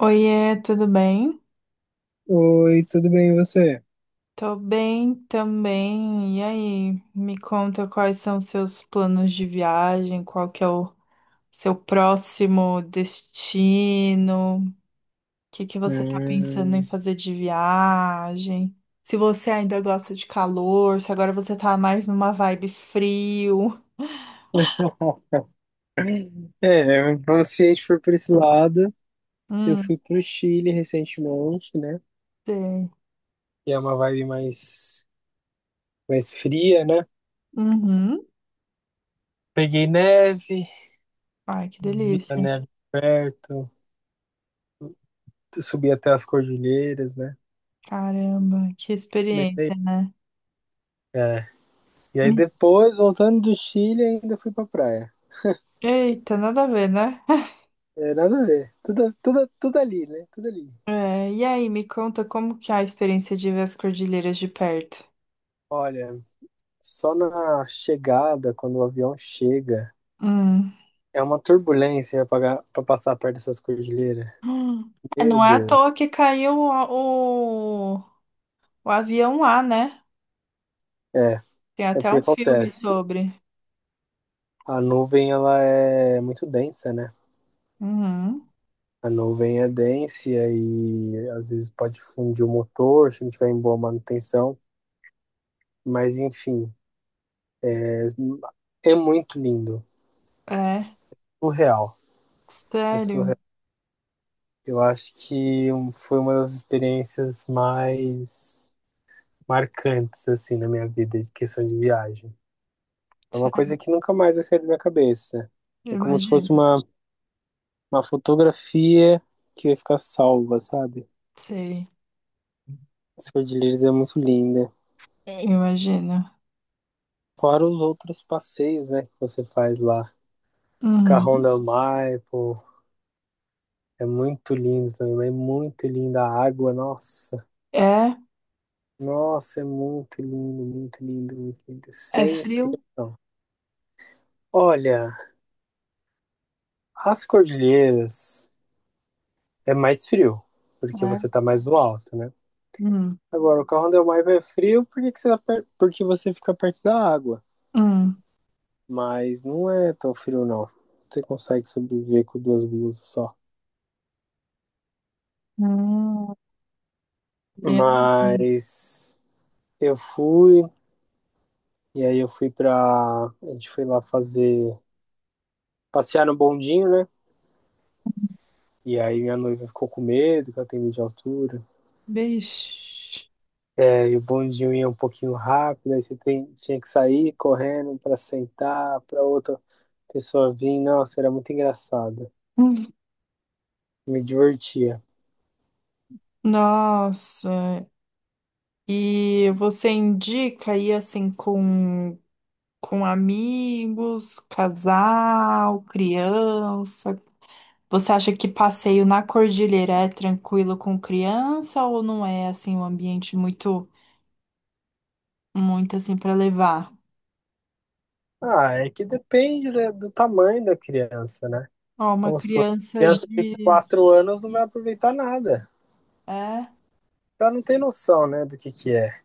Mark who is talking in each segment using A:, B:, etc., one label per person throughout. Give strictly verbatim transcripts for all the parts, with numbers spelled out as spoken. A: Oiê, tudo bem?
B: Oi, tudo bem, e você?
A: Tô bem também. E aí, me conta quais são seus planos de viagem, qual que é o seu próximo destino, o que que você tá pensando em
B: Hum.
A: fazer de viagem? Se você ainda gosta de calor, se agora você tá mais numa vibe frio.
B: É, vamos se a gente for por esse lado, eu
A: Hum,
B: fui pro Chile recentemente, né?
A: sei.
B: Que é uma vibe mais, mais fria, né?
A: Uhum.
B: Peguei neve,
A: Ai, que
B: vi a
A: delícia.
B: neve perto, subi até as cordilheiras, né?
A: Caramba, que
B: Bem legal.
A: experiência, né?
B: É. E aí
A: Me-
B: depois, voltando do Chile, ainda fui pra praia.
A: Eita, nada a ver, né?
B: É, nada a ver. Tudo, tudo, tudo ali, né? Tudo ali.
A: É, e aí, me conta como que é a experiência de ver as cordilheiras de perto?
B: Olha, só na chegada, quando o avião chega.
A: Hum.
B: É uma turbulência para passar perto dessas cordilheiras.
A: Hum. É,
B: Meu
A: não é à
B: Deus.
A: toa que caiu o, o, o avião lá, né?
B: É,
A: Tem
B: é
A: até
B: porque
A: um filme
B: acontece.
A: sobre.
B: A nuvem ela é muito densa, né?
A: Uhum.
B: A nuvem é densa e às vezes pode fundir o motor se não tiver em boa manutenção. Mas enfim, é, é muito lindo.
A: É,
B: Surreal. É
A: sério,
B: surreal. Eu acho que um, foi uma das experiências mais marcantes assim na minha vida de questão de viagem. É uma coisa
A: sério,
B: que nunca mais vai sair da minha cabeça. É como se
A: imagino.
B: fosse uma, uma fotografia que vai ficar salva, sabe?
A: Sei,
B: As cordilheiras é muito linda.
A: imagino.
B: Fora os outros passeios, né, que você faz lá. Carrão
A: Uhum.
B: del Mar, pô, é muito lindo também, mas é muito linda a água, nossa.
A: É,
B: Nossa, é muito lindo, muito lindo, muito lindo.
A: é
B: Sem
A: frio?
B: explicação. Olha, as cordilheiras é mais frio, porque
A: É.
B: você tá mais no alto, né?
A: Hum.
B: Agora, o carro Del Maivo é frio porque, que você, tá porque você fica perto da água.
A: Hum.
B: Mas não é tão frio, não. Você consegue sobreviver com duas blusas só.
A: Hum. Meu Deus.
B: Mas eu fui, e aí eu fui pra. A gente foi lá fazer. Passear no bondinho, né? E aí minha noiva ficou com medo, que ela tem medo de altura.
A: Bicho.
B: É, e aí o bondinho ia um pouquinho rápido, aí você tem- tinha que sair correndo pra sentar, pra outra pessoa vir. Nossa, era muito engraçado.
A: Hum.
B: Me divertia.
A: Nossa. E você indica aí assim com, com amigos, casal, criança? Você acha que passeio na cordilheira é tranquilo com criança ou não é assim um ambiente muito muito assim para levar?
B: Ah, é que depende da- do tamanho da criança, né?
A: Ó, uma
B: Vamos supor,
A: criança
B: criança de
A: de
B: quatro anos não vai aproveitar nada.
A: é?
B: Ela não tem noção, né, do que que é.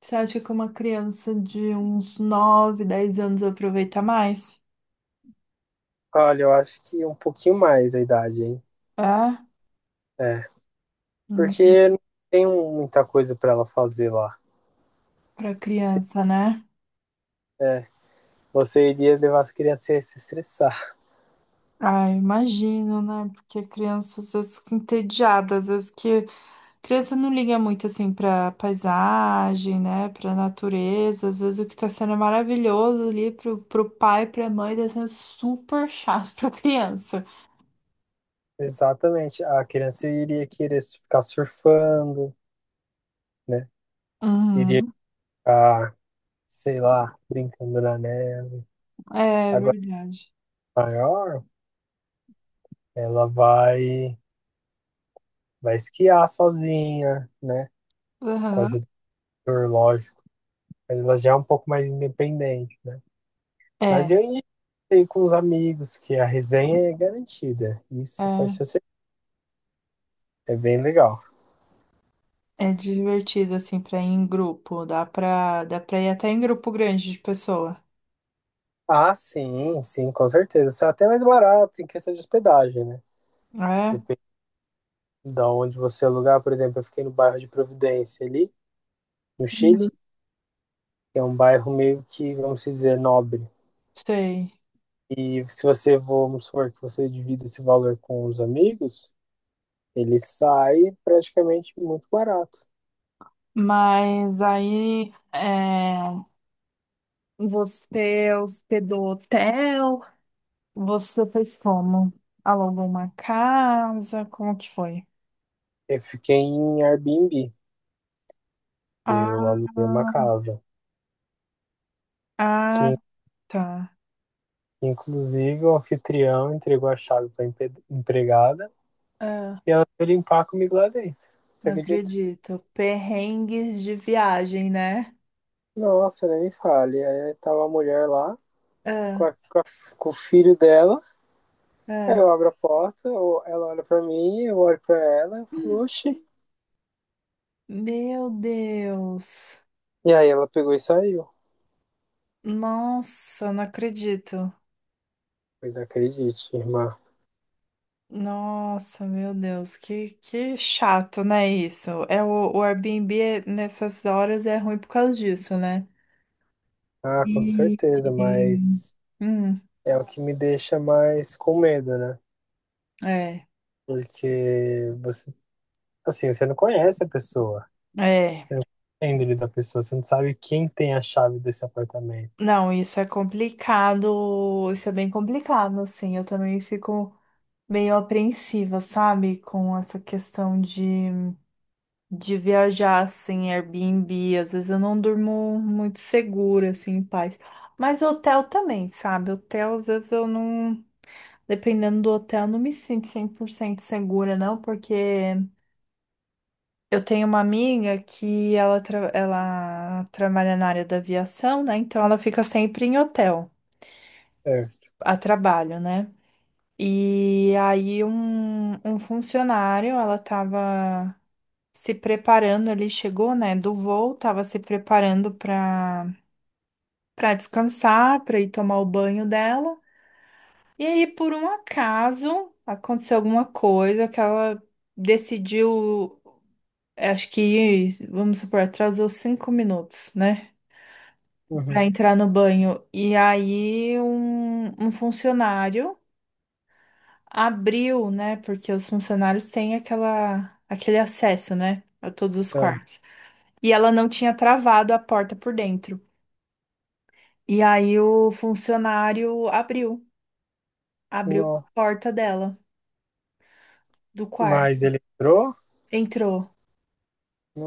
A: Você acha que uma criança de uns nove, dez anos aproveita mais?
B: Olha, eu acho que um pouquinho mais a idade, hein?
A: É?
B: É, porque não tem muita coisa pra ela fazer lá.
A: Para
B: Se-
A: criança, né?
B: é, você iria levar as crianças a se estressar.
A: Ah, imagino, né? Porque crianças às vezes fica entediada, às vezes que criança não liga muito assim pra paisagem, né? Pra natureza, às vezes o que tá sendo é maravilhoso ali pro, pro, pai, pra mãe, tá sendo super chato pra criança.
B: Exatamente. A criança iria querer ficar surfando, né? Iria
A: Uhum.
B: ficar, sei lá, brincando na neve.
A: É
B: Agora
A: verdade.
B: maior, ela vai vai esquiar sozinha, né? Com
A: Aham.
B: ajudador, lógico. Mas ela já é um pouco mais independente, né?
A: É,
B: Mas eu indiquei com os amigos que a resenha é garantida. Isso pode
A: é.
B: ser certeza. É bem legal.
A: É divertido assim pra ir em grupo, dá pra, dá pra ir até em grupo grande de pessoa,
B: Ah, sim, sim, com certeza. Isso é até mais barato em questão de hospedagem, né?
A: né?
B: Depende de onde você alugar. Por exemplo, eu fiquei no bairro de Providência ali, no
A: Uhum.
B: Chile. Que é um bairro meio que, vamos dizer, nobre.
A: Sei.
B: E se você, vamos supor, que você divida esse valor com os amigos, ele sai praticamente muito barato.
A: Mas aí. É... Você hospedou hotel? Você fez como? Alugou uma casa? Como que foi?
B: Eu fiquei em Airbnb. Eu
A: Ah,
B: aluguei uma casa.
A: ah,
B: Que,
A: tá.
B: inclusive, o anfitrião entregou a chave para empregada
A: Ah,
B: e ela foi limpar comigo lá dentro. Você
A: não
B: acredita?
A: acredito. Perrengues de viagem, né?
B: Nossa, nem me fale. Aí tava a mulher lá com,
A: Ah,
B: a- com a- com o filho dela. Aí
A: ah.
B: eu abro a porta, ou ela olha pra mim, eu olho pra ela e falo, oxi.
A: Meu Deus.
B: E aí ela pegou e saiu.
A: Nossa, não acredito.
B: Pois acredite, irmã.
A: Nossa, meu Deus, que, que chato, né, isso? É o, o Airbnb é- nessas horas é ruim por causa disso, né?
B: Ah, com
A: E,
B: certeza, mas
A: hum,
B: é o que me deixa mais com medo, né?
A: é,
B: Porque você, assim, você não conhece a pessoa,
A: é.
B: você não conhece a índole da pessoa, você não sabe quem tem a chave desse apartamento.
A: Não, isso é complicado, isso é bem complicado, assim. Eu também fico meio apreensiva, sabe? Com essa questão de, de, viajar, assim, Airbnb. Às vezes eu não durmo muito segura, assim, em paz. Mas hotel também, sabe? Hotel, às vezes eu não. Dependendo do hotel, eu não me sinto cem por cento segura, não, porque. Eu tenho uma amiga que ela, tra- ela trabalha na área da aviação, né? Então ela fica sempre em hotel,
B: É.
A: a trabalho, né? E aí um, um, funcionário, ela tava se preparando, ele chegou, né, do voo, tava se preparando para para descansar, para ir tomar o banho dela. E aí por um acaso aconteceu alguma coisa que ela decidiu, acho que, vamos supor, atrasou cinco minutos, né? Para
B: Uhum.
A: entrar no banho. E aí um, um funcionário abriu, né? Porque os funcionários têm aquela, aquele acesso, né? A todos os
B: É.
A: quartos. E ela não tinha travado a porta por dentro. E aí o funcionário abriu, abriu a
B: Nossa.
A: porta dela do
B: Mas
A: quarto.
B: ele entrou?
A: Entrou.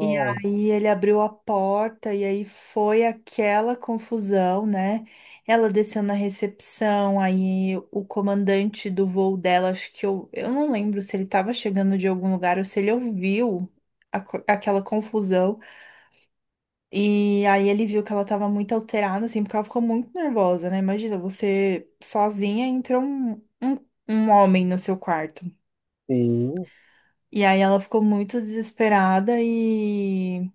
A: E aí ele abriu a porta e aí foi aquela confusão, né? Ela desceu na recepção, aí o comandante do voo dela, acho que eu, eu, não lembro se ele estava chegando de algum lugar ou se ele ouviu a co- aquela confusão. E aí ele viu que ela estava muito alterada, assim, porque ela ficou muito nervosa, né? Imagina, você sozinha entra um, um, um homem no seu quarto.
B: Sim.
A: E aí ela ficou muito desesperada e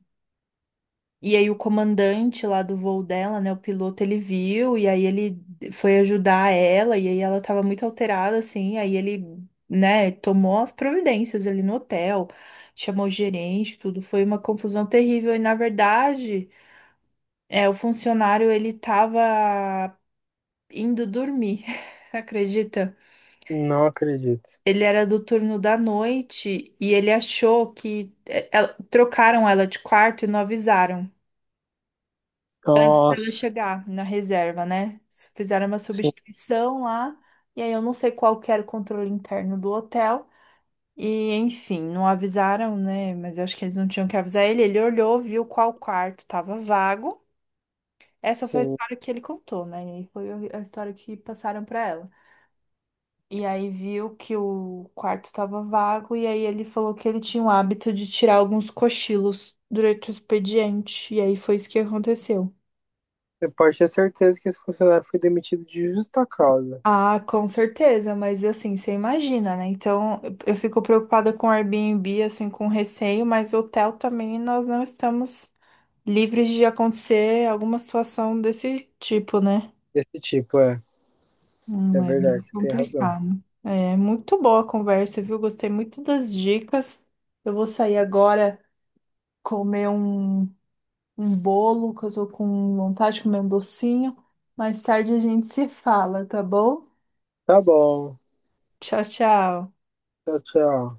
A: E aí o comandante lá do voo dela, né, o piloto, ele viu e aí ele foi ajudar ela e aí ela tava muito alterada assim, aí ele, né, tomou as providências ali no hotel, chamou o gerente, tudo foi uma confusão terrível e na verdade, é, o funcionário ele tava indo dormir. Acredita?
B: Não acredito.
A: Ele era do turno da noite e ele achou que é, ela- trocaram ela de quarto e não avisaram. Precisa
B: Nossa.
A: chegar na reserva, né? S- Fizeram uma
B: Sim,
A: substituição lá, e aí eu não sei qual que era o controle interno do hotel. E, enfim, não avisaram, né? Mas eu acho que eles não tinham que avisar ele. Ele olhou, viu qual quarto estava vago. Essa foi a
B: sim.
A: história que ele contou, né? E aí foi a história que passaram para ela. E aí viu que o quarto estava vago, e aí ele falou que ele tinha o hábito de tirar alguns cochilos durante o expediente. E aí foi isso que aconteceu.
B: Você pode ter certeza que esse funcionário foi demitido de justa causa.
A: Ah, com certeza, mas assim, você imagina, né? Então, eu eu fico preocupada com o Airbnb, assim, com receio, mas hotel também nós não estamos livres de acontecer alguma situação desse tipo, né?
B: Desse tipo, é. É
A: Hum, é meio
B: verdade, você tem razão.
A: complicado. É muito boa a conversa, viu? Gostei muito das dicas. Eu vou sair agora comer um, um, bolo, que eu tô com vontade de comer um docinho. Mais tarde a gente se fala, tá bom?
B: Tá bom.
A: Tchau, tchau.
B: Tchau, tchau.